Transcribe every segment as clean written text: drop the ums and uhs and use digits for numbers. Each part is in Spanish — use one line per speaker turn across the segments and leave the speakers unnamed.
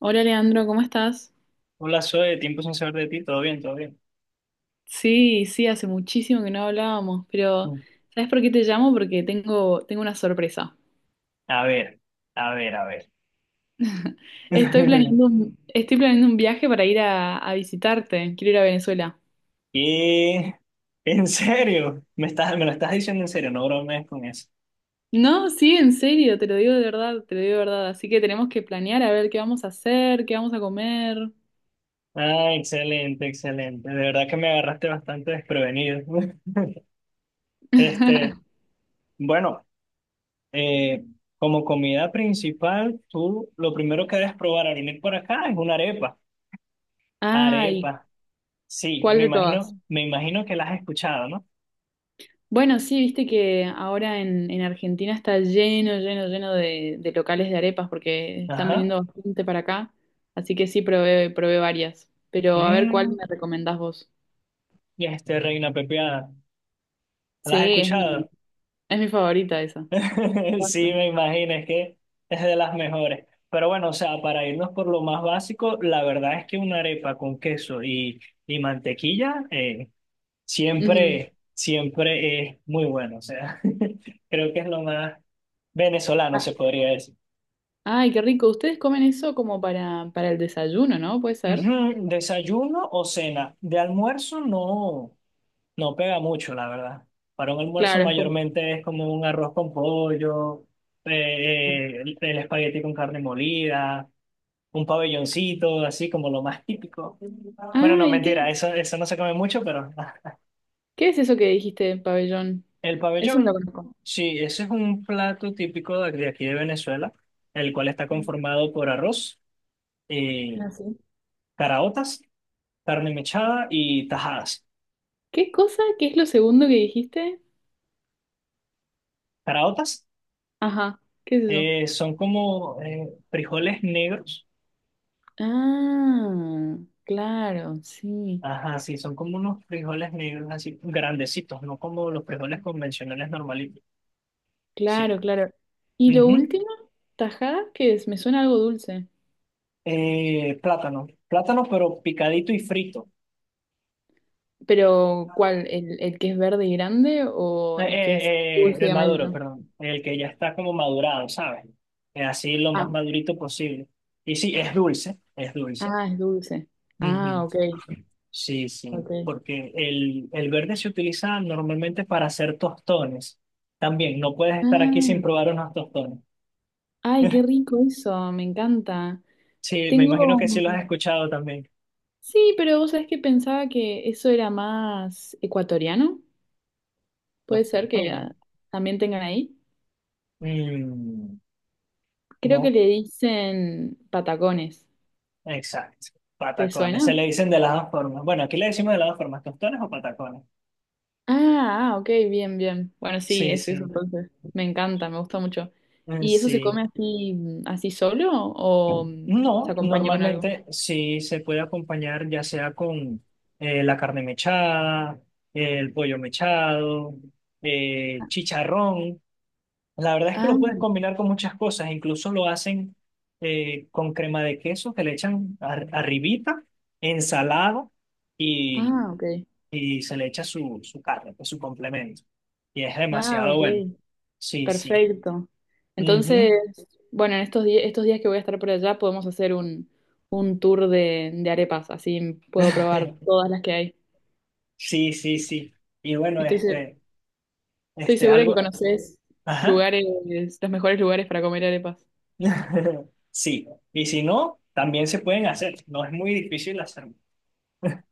Hola Leandro, ¿cómo estás?
Hola, Zoe, tiempo sin saber de ti, todo bien, todo bien.
Sí, sí, hace muchísimo que no hablábamos, pero
Mm.
¿sabes por qué te llamo? Porque tengo una sorpresa.
A ver, a ver, a ver.
Estoy planeando un, estoy planeando un viaje para ir a visitarte, quiero ir a Venezuela.
¿Qué? ¿En serio? ¿ Me lo estás diciendo en serio? No bromees con eso.
No, sí, en serio, te lo digo de verdad, te lo digo de verdad. Así que tenemos que planear a ver qué vamos a hacer, qué vamos a comer.
Ah, excelente, excelente. De verdad que me agarraste bastante desprevenido. Este, bueno, eh, como comida principal, tú lo primero que debes probar al venir por acá es una arepa.
Ah, ¿y
Arepa. Sí,
cuál
me
de todas?
imagino, me imagino que la has escuchado, ¿no?
Bueno, sí, viste que ahora en Argentina está lleno, lleno, lleno de locales de arepas porque están
Ajá.
viniendo bastante para acá. Así que sí, probé, probé varias. Pero a ver cuál
Mm,
me recomendás vos.
reina pepiada. ¿No
Sí,
¿La has
es mi,
escuchado?
es mi favorita esa. Me
Sí,
encanta.
me imagino, es que es de las mejores. Pero bueno, o sea, para irnos por lo más básico, la verdad es que una arepa con queso y mantequilla,
Ujú.
siempre, siempre es muy bueno. O sea, creo que es lo más venezolano, se
Ah,
podría decir.
ay, qué rico. Ustedes comen eso como para el desayuno, ¿no? ¿Puede ser?
Ujú. Desayuno o cena. De almuerzo no. No pega mucho, la verdad. Para un almuerzo
Claro, es como.
mayormente es como un arroz con pollo, el espagueti con carne molida, un pabelloncito, así como lo más típico. Bueno,
Ah,
no,
¿y qué?
mentira, eso no se come mucho, pero
¿Qué es eso que dijiste, pabellón?
el
Eso no
pabellón,
lo conozco.
sí, ese es un plato típico de aquí de Venezuela, el cual está conformado por arroz, eh,
Ah, sí.
caraotas, carne mechada y tajadas.
¿Qué cosa? ¿Qué es lo segundo que dijiste?
Caraotas
Ajá, ¿qué es eso?
eh, son como frijoles negros.
Ah, claro, sí,
Ajá, sí, son como unos frijoles negros así, grandecitos, no como los frijoles convencionales normalitos. Sí.
claro, claro. ¿Y lo
Ujú.
último? ¿Tajada? ¿Qué es? Me suena algo dulce.
Plátano, plátano pero picadito y frito.
Pero, ¿cuál? ¿El que es verde y grande o el que es dulce
El
y
maduro,
amarillo?
perdón, el que ya está como madurado, ¿sabes? Así lo más
Ah,
madurito posible. Y sí, es dulce, es dulce.
ah, es dulce. Ah,
Ujú.
ok,
Sí, sí,
ok.
porque el verde se utiliza normalmente para hacer tostones. También, no puedes estar aquí sin
Ah,
probar unos tostones.
ay, qué rico eso, me encanta.
Sí, me imagino que sí
Tengo...
lo has escuchado también.
Sí, pero vos sabés que pensaba que eso era más ecuatoriano. ¿Puede
Los
ser que
tostones.
también tengan ahí?
Mm,
Creo que
no,
le dicen patacones.
exacto.
¿Te
Patacones.
suena?
Se le dicen de las dos formas. Bueno, aquí le decimos de las dos formas, tostones o patacones.
Ah, ah, ok, bien, bien. Bueno, sí,
Sí,
es eso
sí.
entonces. Me encanta, me gusta mucho.
Mm,
¿Y eso se
Sí.
come así solo o se
No,
acompaña con algo?
normalmente sí se puede acompañar ya sea con la carne mechada, el pollo mechado, chicharrón. La verdad es que
Ah,
lo puedes combinar con muchas cosas, incluso lo hacen con crema de queso que le echan arribita, ensalada y,
ah, ok.
y se le echa su carne, pues, su complemento. Y es
Ah,
demasiado bueno.
ok.
Sí, sí.
Perfecto. Entonces,
Ujú.
bueno, en estos días que voy a estar por allá podemos hacer un tour de arepas, así puedo probar todas las que hay.
Sí, sí, sí. Y bueno,
Estoy, se- Estoy
este,
segura que
algo,
conoces
ajá.
lugares, los mejores lugares para comer arepas.
Sí. Y si no, también se pueden hacer. No es muy difícil hacer.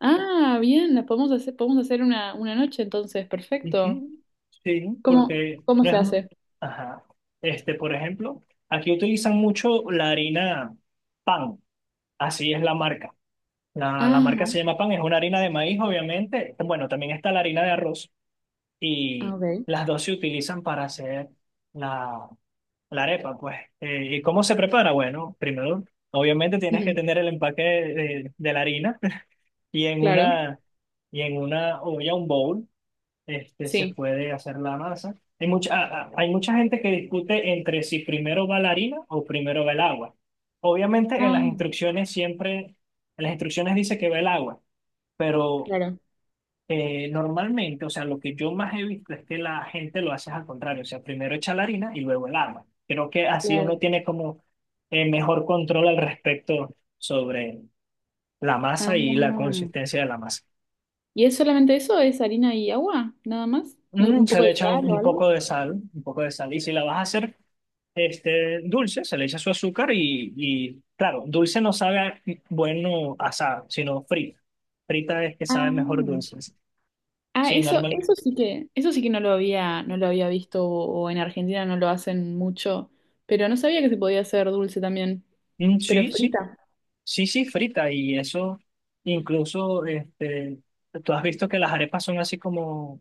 Ah, bien, podemos hacer una noche entonces, perfecto.
Ujú. Sí,
¿Cómo,
porque
cómo
no
se
es.
hace?
Ajá. Por ejemplo, aquí utilizan mucho la harina pan. Así es la marca. La marca
Ajá,
se llama pan, es una harina de maíz, obviamente. Bueno, también está la harina de arroz. Y
ok.
las dos se utilizan para hacer la, la arepa, pues. ¿Y cómo se prepara? Bueno, primero, obviamente tienes que
Ujú,
tener el empaque de la harina. y en
claro,
una, y en una olla, un bowl, se
sí.
puede hacer la masa. Hay hay mucha gente que discute entre si primero va la harina o primero va el agua. Obviamente en
Ah,
las instrucciones siempre, En las instrucciones dice que va el agua, pero
claro,
normalmente, o sea, lo que yo más he visto es que la gente lo hace al contrario, o sea, primero echa la harina y luego el agua. Creo que así
claro.
uno tiene como mejor control al respecto sobre la
Ah,
masa y la consistencia de la masa.
¿y es solamente eso? ¿Es harina y agua? ¿Nada más? Un
Se
poco
le
de
echa
sal
un,
o
un
algo?
poco de sal, un poco de sal. Y si la vas a hacer, dulce, se le echa su azúcar y, claro, dulce no sabe bueno asado, sino frita. Frita es que
Ah,
sabe mejor dulce.
ah,
Sí,
eso,
normal.
eso sí que, eso sí que no lo había visto, o en Argentina no lo hacen mucho, pero no sabía que se podía hacer dulce también,
Mm,
pero
sí, sí,
frita,
sí, sí, frita. Y eso, incluso, tú has visto que las arepas son así como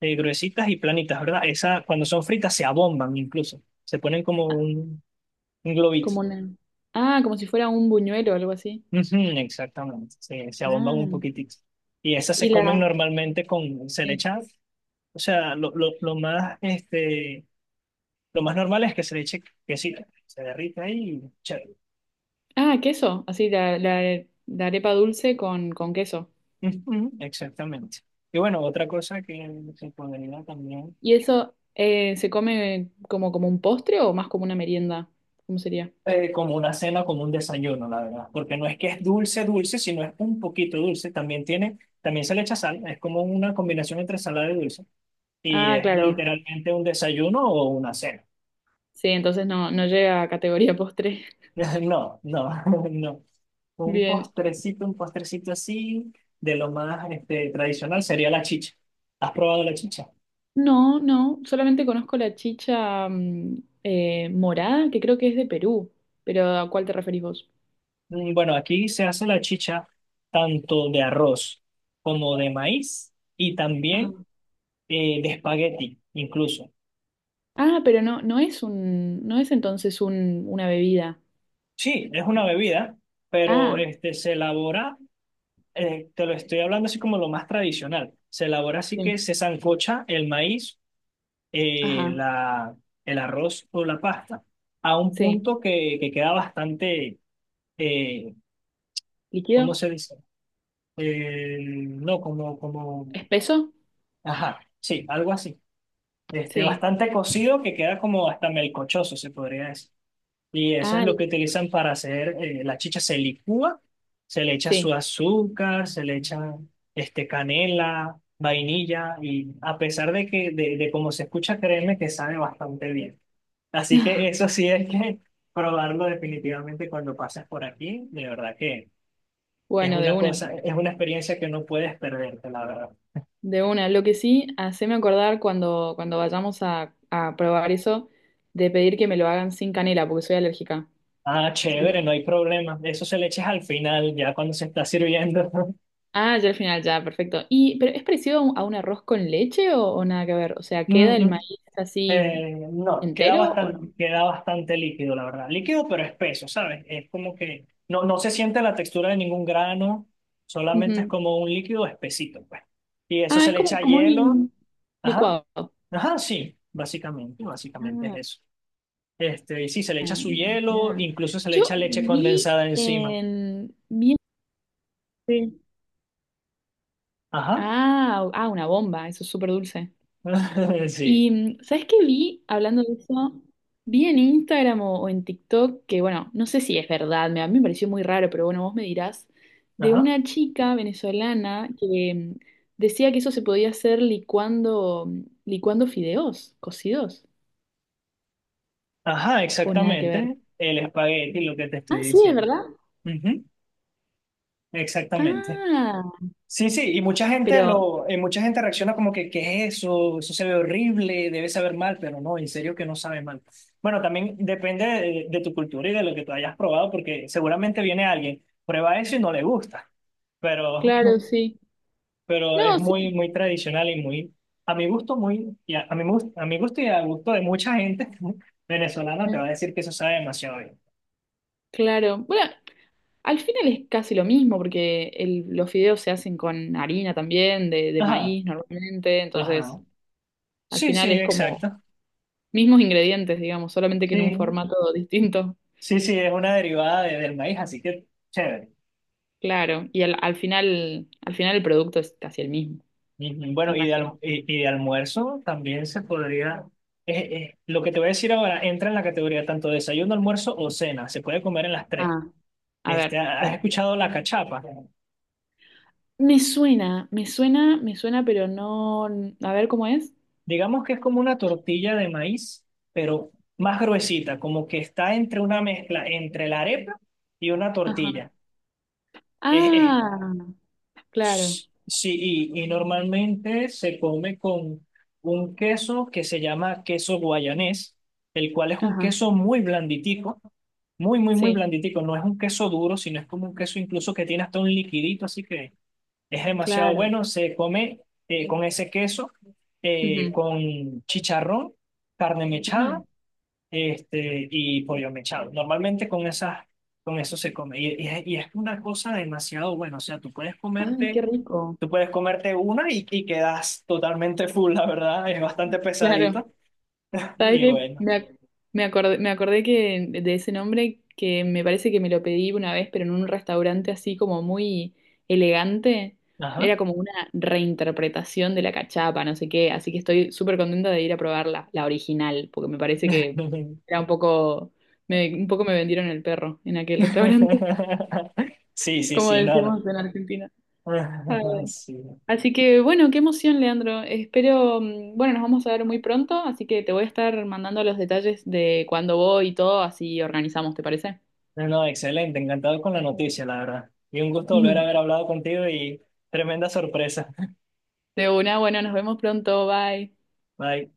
gruesitas y planitas, ¿verdad? Esas, cuando son fritas, se abomban incluso. Se ponen como un globito.
como una, como si fuera un buñuelo o algo así.
Ujú, exactamente, se abomban un
Ah,
poquitito. Y esas se
y
comen
la,
normalmente con, se le
sí.
echa. O sea, lo más normal es que se le eche quesito, se derrita ahí y chévere.
Ah, queso, así la arepa dulce con queso.
Ujú. Exactamente. Y bueno, otra cosa que se podría también,
¿Y eso se come como un postre o más como una merienda? ¿Cómo sería?
como una cena, como un desayuno, la verdad, porque no es que es dulce, dulce, sino es un poquito dulce. También se le echa sal, es como una combinación entre salada y dulce. Y
Ah,
es
claro.
literalmente un desayuno o una cena.
Sí, entonces no, no llega a categoría postre.
No, no, no.
Bien,
Un postrecito así, de lo más tradicional sería la chicha. ¿Has probado la chicha?
no, no, solamente conozco la chicha morada, que creo que es de Perú, pero ¿a cuál te referís vos?
Bueno, aquí se hace la chicha tanto de arroz como de maíz y
Ah.
también de espagueti, incluso.
Ah, pero no, no es entonces una bebida.
Sí, es una bebida, pero
Ah,
este, se elabora, te lo estoy hablando así como lo más tradicional. Se elabora así que
bien.
se sancocha el maíz eh,
Ajá,
la, el arroz o la pasta a un
sí.
punto que queda bastante, eh, ¿cómo
¿Líquido?
se dice? No,
¿Espeso?
ajá, sí, algo así.
Sí.
Bastante cocido que queda como hasta melcochoso, se podría decir. Y eso es
Ah,
lo que utilizan para hacer la chicha. Se licúa, se le echa su
sí.
azúcar, se le echa, canela, vainilla, y a pesar de que, de cómo se escucha, créeme que sabe bastante bien. Así que eso sí es que probarlo definitivamente cuando pasas por aquí, de verdad que
Bueno, de una,
es una experiencia que no puedes perderte, la verdad.
de una. Lo que sí, haceme acordar cuando vayamos a probar eso, de pedir que me lo hagan sin canela, porque soy alérgica.
Ah,
Sí.
chévere, no hay problema. Eso se le echas al final, ya cuando se está sirviendo.
Ah, ya al final, ya, perfecto. Pero ¿es parecido a un, arroz con leche o nada que ver? O sea, ¿queda
Mm,
el
mm,
maíz así
no,
entero o no?
queda bastante líquido, la verdad. Líquido pero espeso, ¿sabes? Es como que no se siente la textura de ningún grano, solamente es
Ujú.
como un líquido espesito, pues. Y eso
Ah,
se
es
le
como,
echa
como
hielo.
un
Ajá,
licuado.
ajá, sí, básicamente, básicamente es
Ah,
eso. Y sí, se le echa su hielo,
ya.
incluso se le
Yo
echa leche
vi
condensada encima.
en... vi en-
Ajá,
Ah, ah, una bomba, eso es súper dulce.
sí,
Y, ¿sabes qué vi hablando de eso? Vi en Instagram o en TikTok, que bueno, no sé si es verdad, a mí me pareció muy raro, pero bueno, vos me dirás, de
ajá,
una chica venezolana que decía que eso se podía hacer licuando fideos cocidos,
ajá,
o nada que ver.
exactamente. El espagueti, lo que te
Ah,
estoy
sí, es
diciendo.
verdad.
Ujú. Exactamente.
Ah,
Sí, sí, y mucha gente
pero
mucha gente reacciona como que, ¿qué es eso? Eso se ve horrible, debe saber mal, pero no, en serio que no sabe mal. Bueno, también depende de tu cultura y de lo que tú hayas probado, porque seguramente viene alguien, prueba eso y no le gusta. pero,
claro, sí.
pero es
No, sí.
muy, muy tradicional y muy, a mi gusto, muy, a mi gusto y al gusto de mucha gente venezolana te
eh,
va a decir que eso sabe demasiado bien.
Claro. Bueno, al final es casi lo mismo, porque los fideos se hacen con harina también, de
Ajá,
maíz normalmente,
ajá.
entonces al
Sí,
final
sí,
es como
exacto.
mismos ingredientes, digamos, solamente que en un
Sí,
formato distinto,
sí, sí, es una derivada del maíz, así que chévere.
claro. Y al final, al final el producto es casi el mismo,
Y,
me
bueno,
imagino.
de almuerzo también se podría... Lo que te voy a decir ahora entra en la categoría tanto desayuno, almuerzo o cena. Se puede comer en las tres.
Ah, a
Este,
ver.
¿has
Bueno.
escuchado la cachapa?
Me suena, me suena, me suena, pero no. A ver cómo es.
Digamos que es como una tortilla de maíz, pero más gruesita, como que está entre una mezcla entre la arepa y una
Ajá.
tortilla. Es,
Ah, claro.
sí, y normalmente se come con un queso que se llama queso guayanés, el cual es un
Ajá.
queso muy blanditico, muy, muy, muy
Sí,
blanditico. No es un queso duro, sino es como un queso incluso que tiene hasta un liquidito, así que es demasiado
claro.
bueno, se come con ese queso,
Ujú.
con chicharrón, carne
Ah,
mechada, y pollo mechado. Normalmente con eso se come. Y es una cosa demasiado buena. O sea, tú puedes
ay, qué
comerte,
rico.
tú puedes comerte una y quedas totalmente full, la verdad. Es bastante
Claro.
pesadito.
¿Sabes
Y
qué?
bueno.
Me acordé que de ese nombre que me parece que me lo pedí una vez, pero en un restaurante así como muy elegante.
Ajá.
Era como una reinterpretación de la cachapa, no sé qué. Así que estoy súper contenta de ir a probarla, la original, porque me parece que era un poco me vendieron el perro en aquel restaurante,
Sí, sí,
como
sí, no, no.
decimos en Argentina.
Sí.
Así que bueno, qué emoción, Leandro. Bueno, nos vamos a ver muy pronto, así que te voy a estar mandando los detalles de cuándo voy y todo, así organizamos, ¿te parece?
No, no, excelente, encantado con la noticia, la verdad. Y un gusto volver a haber hablado contigo y tremenda sorpresa.
De una, bueno, nos vemos pronto, bye.
Bye.